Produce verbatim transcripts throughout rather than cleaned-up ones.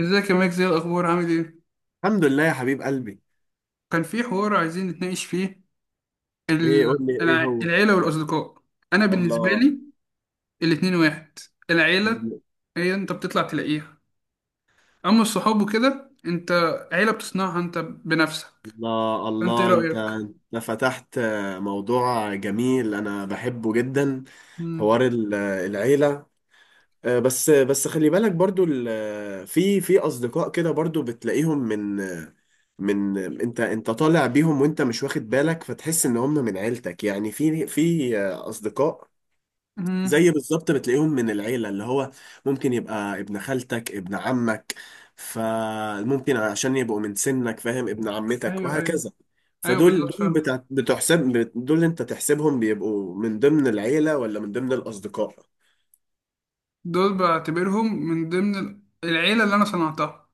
ازيك يا مايك؟ زي الاخبار؟ عامل ايه؟ الحمد لله يا حبيب قلبي. كان في حوار عايزين نتناقش فيه. ال- ايه؟ قول لي ايه الع- هو. العيله والاصدقاء. انا بالنسبه الله، لي الاتنين واحد. العيله هي انت بتطلع تلاقيها، اما الصحاب وكده، انت عيله بتصنعها انت بنفسك. الله، انت ايه الله. انت رايك؟ انت فتحت موضوع جميل، انا بحبه جدا. امم حوار ال- العيلة. آه، بس بس خلي بالك برضو، ال- في في اصدقاء كده برضو بتلاقيهم من من انت انت طالع بيهم وانت مش واخد بالك، فتحس ان هم من عيلتك. يعني في في اصدقاء امم زي بالظبط بتلاقيهم من العيلة، اللي هو ممكن يبقى ابن خالتك، ابن عمك، فممكن عشان يبقوا من سنك، فاهم، ابن عمتك ايوه، ايوه، وهكذا. ايوه، فدول بالظبط دول فاهم. بتاع بتحسب بت- دول انت تحسبهم، بيبقوا من ضمن العيلة ولا من ضمن الأصدقاء؟ دول بعتبرهم من ضمن ال- العيله اللي انا صنعتها.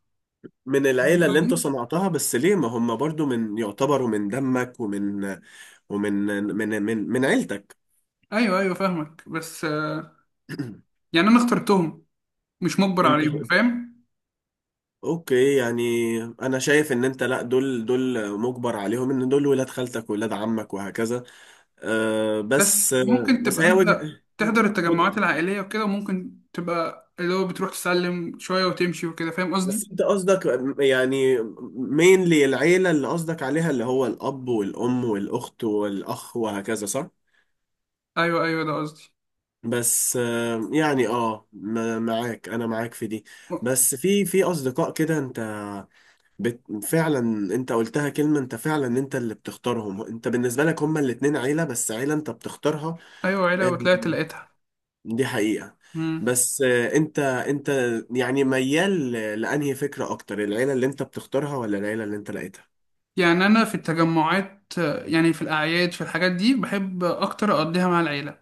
من فاهم العيلة اللي انت قصدي؟ صنعتها، بس ليه؟ ما هم برضو من يعتبروا من دمك ومن ومن من من من عيلتك. ايوه، ايوه، فاهمك. بس آه، يعني انا اخترتهم، مش مجبر انت. عليهم، فاهم؟ اوكي يعني، انا شايف ان انت، لا، دول دول مجبر عليهم، ان دول ولاد خالتك ولاد عمك وهكذا. أه بس بس، أه ممكن بس تبقى هي انت وجه. تحضر التجمعات العائلية وكده، وممكن تبقى اللي هو بتروح تسلم شوية وتمشي وكده. فاهم قصدي؟ بس انت قصدك، يعني، مينلي العيلة اللي قصدك عليها، اللي هو الاب والام والاخت والاخ وهكذا، صح؟ أيوه، أيوه، ده قصدي. بس أه يعني اه م- معاك، انا معاك في دي. بس في في اصدقاء كده انت بت... فعلا، انت قلتها كلمة، انت فعلا انت اللي بتختارهم. انت بالنسبة لك هما الاتنين عيلة، بس عيلة انت بتختارها. أيوه عيلة آه، وطلعت لقيتها. دي حقيقة. مم. بس آه، انت انت يعني ميال ل- لأنهي فكرة اكتر؟ العيلة اللي انت بتختارها ولا العيلة اللي انت لقيتها؟ يعني أنا في التجمعات، يعني في الأعياد، في الحاجات دي بحب أكتر أقضيها مع العيلة.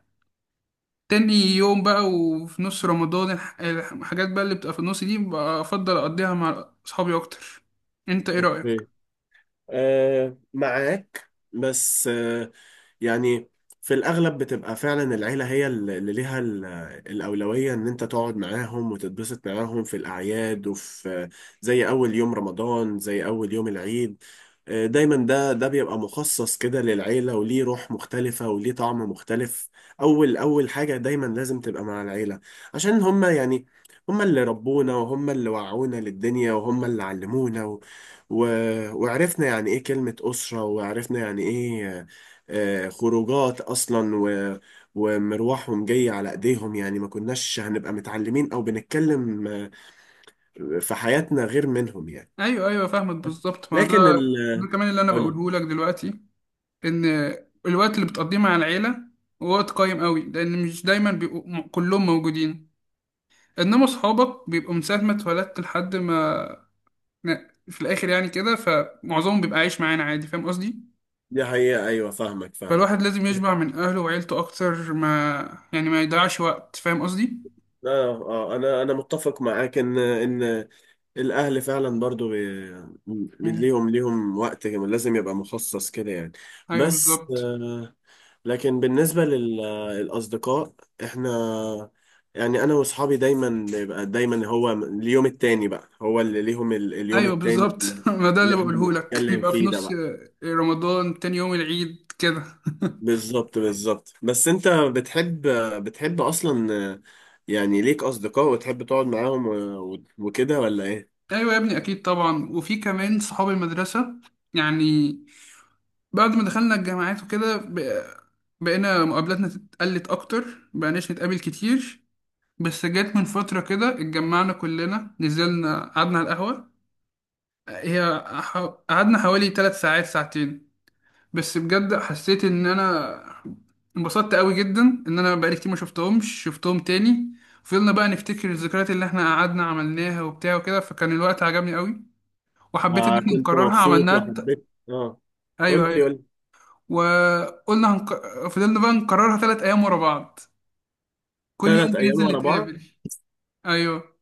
تاني يوم بقى وفي نص رمضان، الح- الحاجات بقى اللي بتبقى في النص دي بفضل أقضيها مع أصحابي أكتر. أنت إيه رأيك؟ اوكي، آه معاك، بس يعني في الأغلب بتبقى فعلا العيلة هي اللي ليها ال- الأولوية، إن أنت تقعد معاهم وتتبسط معاهم في الأعياد وفي، زي أول يوم رمضان، زي أول يوم العيد. آه، دايما ده ده بيبقى مخصص كده للعيلة، وليه روح مختلفة وليه طعم مختلف. أول أول حاجة دايما لازم تبقى مع العيلة، عشان هما، يعني، هما اللي ربونا، وهما اللي وعونا للدنيا، وهما اللي علمونا و... و... وعرفنا يعني إيه كلمة أسرة، وعرفنا يعني إيه، آه، خروجات اصلا، و... ومروحهم جاي على ايديهم. يعني ما كناش هنبقى متعلمين او بنتكلم، آه، في حياتنا، غير منهم يعني. أيوه، أيوه، فاهمك بالظبط، ما هو لكن ده ال... ده كمان اللي أنا قول. بقوله لك دلوقتي، ان الوقت اللي بتقضيه مع العيله هو وقت قيم قوي، لان مش دايما بيبقوا م- كلهم موجودين. انما صحابك بيبقوا من ساعه ما اتولدت لحد ما ن- في الاخر يعني كده، فمعظمهم بيبقى عايش معانا عادي، فاهم قصدي؟ دي حقيقة، ايوه فاهمك، فاهم. فالواحد لازم يشبع من اهله وعيلته اكتر، ما يعني ما يضيعش وقت، فاهم قصدي؟ اه، اه، انا انا متفق معاك ان ان الاهل فعلا برضو بي... م- مم. ليهم ليهم وقت لازم يبقى مخصص كده، يعني. ايوه بس، بالظبط. آه، لكن بالنسبة للأصدقاء، إحنا، يعني، أنا وأصحابي دايما بيبقى، دايما هو اليوم التاني بقى هو اللي ليهم ال- اليوم ايوه التاني، بالظبط. ما ده اللي اللي إحنا بقوله لك، بنتكلم يبقى في فيه ده نص بقى. رمضان، تاني يوم العيد كده. بالظبط، بالظبط. بس أنت بتحب، بتحب أصلا، يعني ليك أصدقاء وتحب تقعد معاهم و- و- وكده ولا إيه؟ ايوه يا ابني، اكيد طبعا، وفي كمان صحاب المدرسه. يعني بعد ما دخلنا الجامعات وكده ب- بقينا مقابلاتنا اتقلت أكتر، مبقناش نتقابل كتير. بس جت من فترة كده اتجمعنا كلنا، نزلنا قعدنا على القهوة. هي ح- قعدنا حوالي تلات ساعات، ساعتين. بس بجد حسيت إن أنا انبسطت قوي جدا، إن أنا بقالي كتير ما شفتهمش، شفتهم تاني. فضلنا بقى نفتكر الذكريات اللي احنا قعدنا عملناها وبتاع وكده، فكان الوقت عجبني قوي. وحبيت إن احنا فكنت نكررها، مبسوط عملناها ت- وحبيت، آه أيوه، قول لي، أيوه. قول لي. وقلنا هنك... فضلنا بقى نكررها ثلاث ايام ورا بعض، كل يوم تلات أيام بننزل ورا بعض؟ نتقابل. ايوه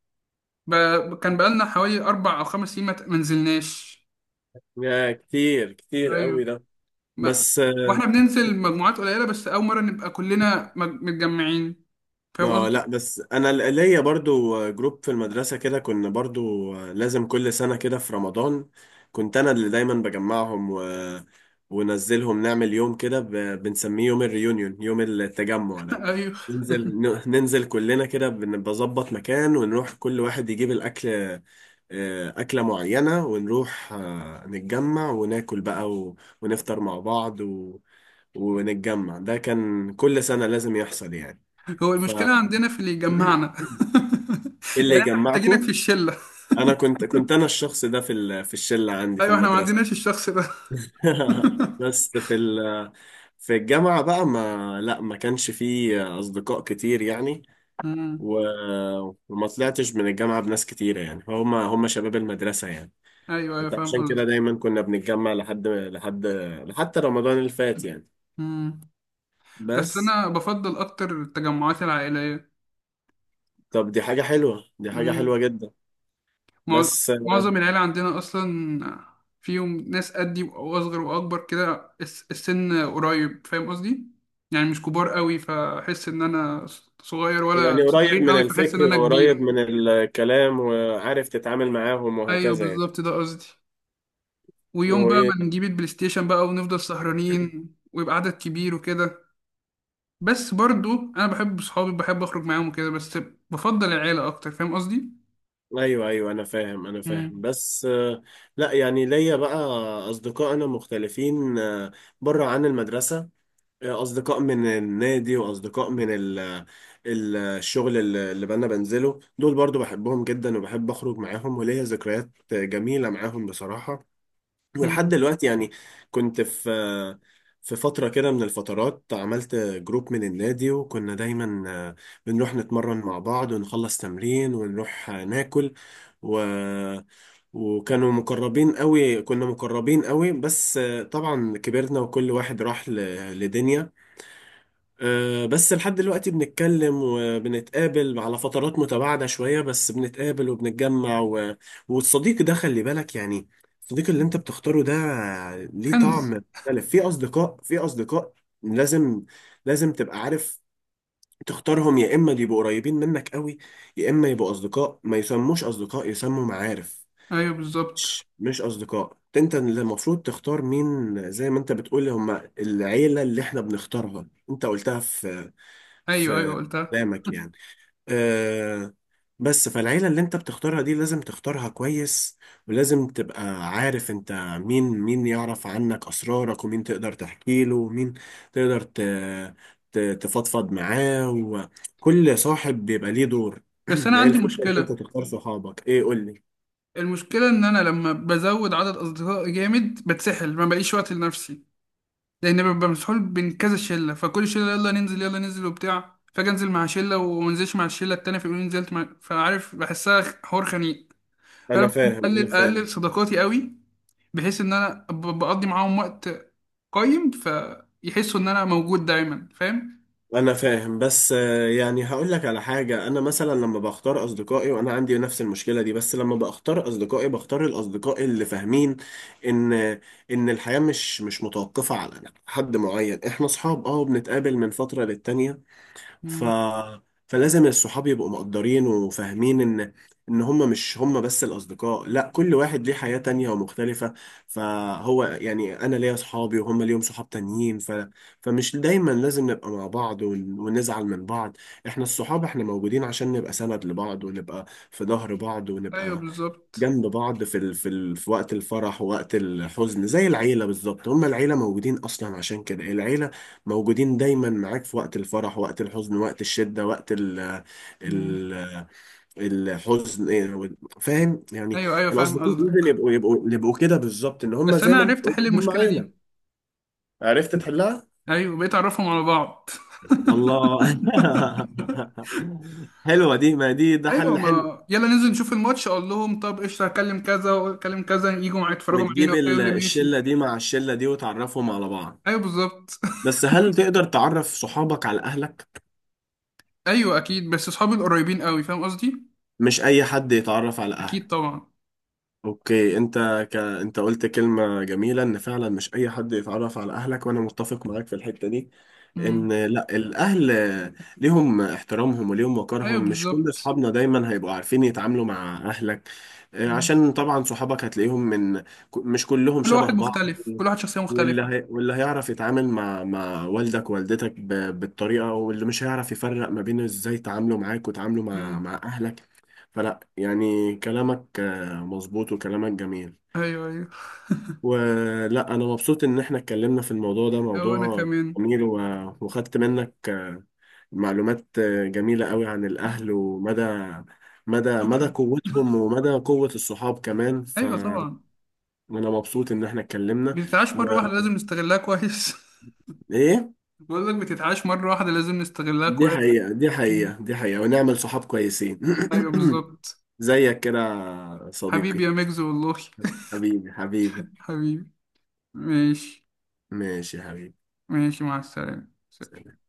ب... كان بقالنا حوالي اربع او خمس سنين ما ت- ما نزلناش. يا، كتير كتير قوي ايوه ده. ما... بس، واحنا بننزل مجموعات قليله، بس اول مره نبقى كلنا مج... متجمعين، فاهم اه لا، قصدي؟ بس انا ل- ليا برضو جروب في المدرسة كده، كنا برضو لازم كل سنة كده في رمضان كنت انا اللي دايما بجمعهم و... ونزلهم نعمل يوم كده، ب... بنسميه يوم الريونيون، يوم التجمع ده. ايوه، ننزل، ن- ننزل كلنا كده، بن- بظبط مكان، ونروح كل واحد يجيب الأكل، آه، أكلة معينة، ونروح آه، نتجمع وناكل بقى، و... ونفطر مع بعض، و... ونتجمع. ده كان كل سنة لازم يحصل، يعني. هو ف، المشكله عندنا في اللي يجمعنا. إيه اللي يعني احنا محتاجينك يجمعكم؟ في الشله. انا كنت كنت انا الشخص ده في ال... في الشله عندي في ايوه، احنا ما المدرسه. عندناش الشخص ده. بس في ال... في الجامعه بقى، ما، لا، ما كانش فيه اصدقاء كتير، يعني مم. و... وما طلعتش من الجامعه بناس كتيره، يعني هم هم شباب المدرسه، يعني. ايوه، ايوه، فاهم عشان كده قصدك. دايما كنا بنتجمع لحد لحد لحد رمضان اللي فات، يعني. مم. بس بس، انا بفضل اكتر التجمعات العائليه. طب، دي حاجه حلوه، دي حاجه مم. حلوه جدا. مع- بس معظم العيلة عندنا أصلا فيهم ناس قدي، وأصغر وأكبر كده، الس- السن قريب، فاهم قصدي؟ يعني مش كبار قوي فأحس إن أنا صغير، ولا يعني قريب صغيرين من قوي فأحس إن الفكر أنا وقريب كبير. من الكلام، وعارف تتعامل معاهم أيوه وهكذا يعني. بالظبط، ده قصدي. ويوم هو بقى ايه؟ ما نجيب البلاي ستيشن بقى ونفضل سهرانين، ويبقى عدد كبير وكده. بس برضو أنا بحب صحابي، بحب أخرج معاهم وكده، بس بفضل العيلة أكتر، فاهم قصدي؟ ايوه، ايوه، انا فاهم، انا فاهم، مم. بس آه، لا يعني ليا بقى اصدقاء انا مختلفين، آه، بره عن المدرسة. آه، اصدقاء من النادي واصدقاء من ال ال- الشغل اللي اللي انا بنزله. دول برضو بحبهم جدا، وبحب اخرج معاهم، وليا ذكريات جميلة معاهم بصراحة، ولحد مم. دلوقتي يعني. كنت في في فترة كده من الفترات، عملت جروب من النادي وكنا دايما آه، بنروح نتمرن مع بعض، ونخلص تمرين ونروح آه، ناكل و وكانوا مقربين قوي، كنا مقربين قوي. بس آه، طبعا كبرنا وكل واحد راح ل- لدنيا. آه، بس لحد دلوقتي بنتكلم وبنتقابل على فترات متباعدة شوية، بس بنتقابل وبنتجمع و... والصديق ده خلي بالك، يعني، الصديق اللي انت بتختاره ده ليه طعم كنز. مختلف. في أصدقاء، في أصدقاء لازم لازم تبقى عارف تختارهم، يا إما يبقوا قريبين منك قوي، يا إما يبقوا أصدقاء ما يسموش أصدقاء، يسموا معارف. أيوه بالظبط. مش مش أصدقاء، انت اللي المفروض تختار مين، زي ما انت بتقول هم العيلة اللي احنا بنختارها، انت قلتها في أيوه، في أيوه، قلتها. قدامك، يعني، أه. بس، فالعيلة اللي انت بتختارها دي لازم تختارها كويس، ولازم تبقى عارف انت مين مين يعرف عنك أسرارك، ومين تقدر تحكي له، ومين تقدر ت- ت- تفضفض معاه، وكل صاحب بيبقى ليه دور. بس أنا هي عندي الفكرة ان انت مشكلة، تختار صحابك. ايه، قول لي. المشكلة إن أنا لما بزود عدد أصدقائي جامد بتسحل، ما بلاقيش وقت لنفسي، لأن ببقى مسحول بين كذا شلة، فكل شلة يلا ننزل، يلا ننزل وبتاع، فأجي أنزل مع شلة ومنزلش مع الشلة التانية فيقولوا لي نزلت مع، فعارف بحسها خ- حوار خنيق. انا فأنا فاهم، انا بقلل أقلل فاهم، صداقاتي قوي، بحيث إن أنا ب- بقضي معاهم وقت قيم، فيحسوا إن أنا موجود دايما، فاهم؟ انا فاهم، بس آه، يعني هقول لك على حاجة، انا مثلا لما بختار اصدقائي وانا عندي نفس المشكلة دي، بس لما بختار اصدقائي بختار الاصدقاء اللي فاهمين ان ان الحياة مش مش متوقفة على حد معين. احنا اصحاب، اه بنتقابل من فترة للتانية، ف مم. فلازم الصحاب يبقوا مقدرين وفاهمين ان ان هم مش هم بس الاصدقاء. لا، كل واحد ليه حياة تانية ومختلفة، فهو يعني انا ليا صحابي وهم ليهم صحاب تانيين، ف... فمش دايما لازم نبقى مع بعض ون... ونزعل من بعض. احنا الصحاب، احنا موجودين عشان نبقى سند لبعض، ونبقى في ظهر بعض، أيوه ونبقى بالظبط. جنب بعض في ال... في ال... في وقت الفرح ووقت الحزن، زي العيلة بالظبط. هما العيلة موجودين أصلا، عشان كده العيلة موجودين دايما معاك في وقت الفرح، وقت الحزن، وقت الشدة، وقت ال... مم. ال... الحزن، إيه، وال- فاهم يعني. أيوه، أيوه، فاهم الأصدقاء لازم قصدك. يبقوا يبقوا يبقوا كده بالظبط، إن هما بس زي أنا ما أنت عرفت قلت أحل هما المشكلة عيلة. دي. عرفت تحلها؟ أيوه، بقيت أعرفهم على بعض. الله. حلوة دي، ما دي ده ايوه، حل حلو. ما يلا ننزل نشوف الماتش، اقول لهم طب قشطه هكلم كذا واكلم كذا، يجوا معايا يتفرجوا معانا وتجيب وبتاع، ال- يقول لي ماشي. الشلة دي مع الشلة دي، وتعرفهم على بعض. ايوه بالظبط. بس هل تقدر تعرف صحابك على أهلك؟ ايوه اكيد، بس اصحابي القريبين قوي، فاهم قصدي؟ مش أي حد يتعرف على اكيد أهلك. طبعا. أوكي، أنت ك... أنت قلت كلمة جميلة، إن فعلا مش أي حد يتعرف على أهلك، وأنا متفق معاك في الحتة دي. ان، امم لا، الاهل ليهم احترامهم وليهم ايوه وقارهم، مش كل بالظبط. اصحابنا دايما هيبقوا عارفين يتعاملوا مع اهلك. آه، مم. عشان طبعا صحابك هتلاقيهم من ك- مش كلهم كل شبه واحد بعض. مختلف، كل واحد شخصيه واللي مختلفه. هي واللي هيعرف يتعامل مع مع والدك ووالدتك ب- بالطريقة، واللي مش هيعرف يفرق ما بين ازاي تعاملوا معاك وتعاملوا مع امم مع اهلك. فلا يعني كلامك آه، مظبوط، وكلامك جميل، ايوه، ايوه. ولا انا مبسوط ان احنا اتكلمنا في الموضوع ده، او انا موضوع كمان. جميل، و- وخدت منك آه، معلومات آه، جميلة قوي عن الاهل، ومدى مدى مدى شكرا. قوتهم، ومدى قوة الصحاب كمان. ايوه فانا طبعا. مبسوط ان احنا اتكلمنا. بتتعاش مره واحده، لازم نستغلها كويس. وايه؟ بقول لك بتتعاش مره واحده، لازم نستغلها دي كويس. حقيقة، دي مم. حقيقة، دي حقيقة، ونعمل صحاب كويسين. ايوه بالظبط. زيك كده، يا حبيبي صديقي. يا ميجز والله. حبيبي، حبيبي. حبيبي. ماشي. ماشي يا حبيبي. ماشي مع السلامة. سلام.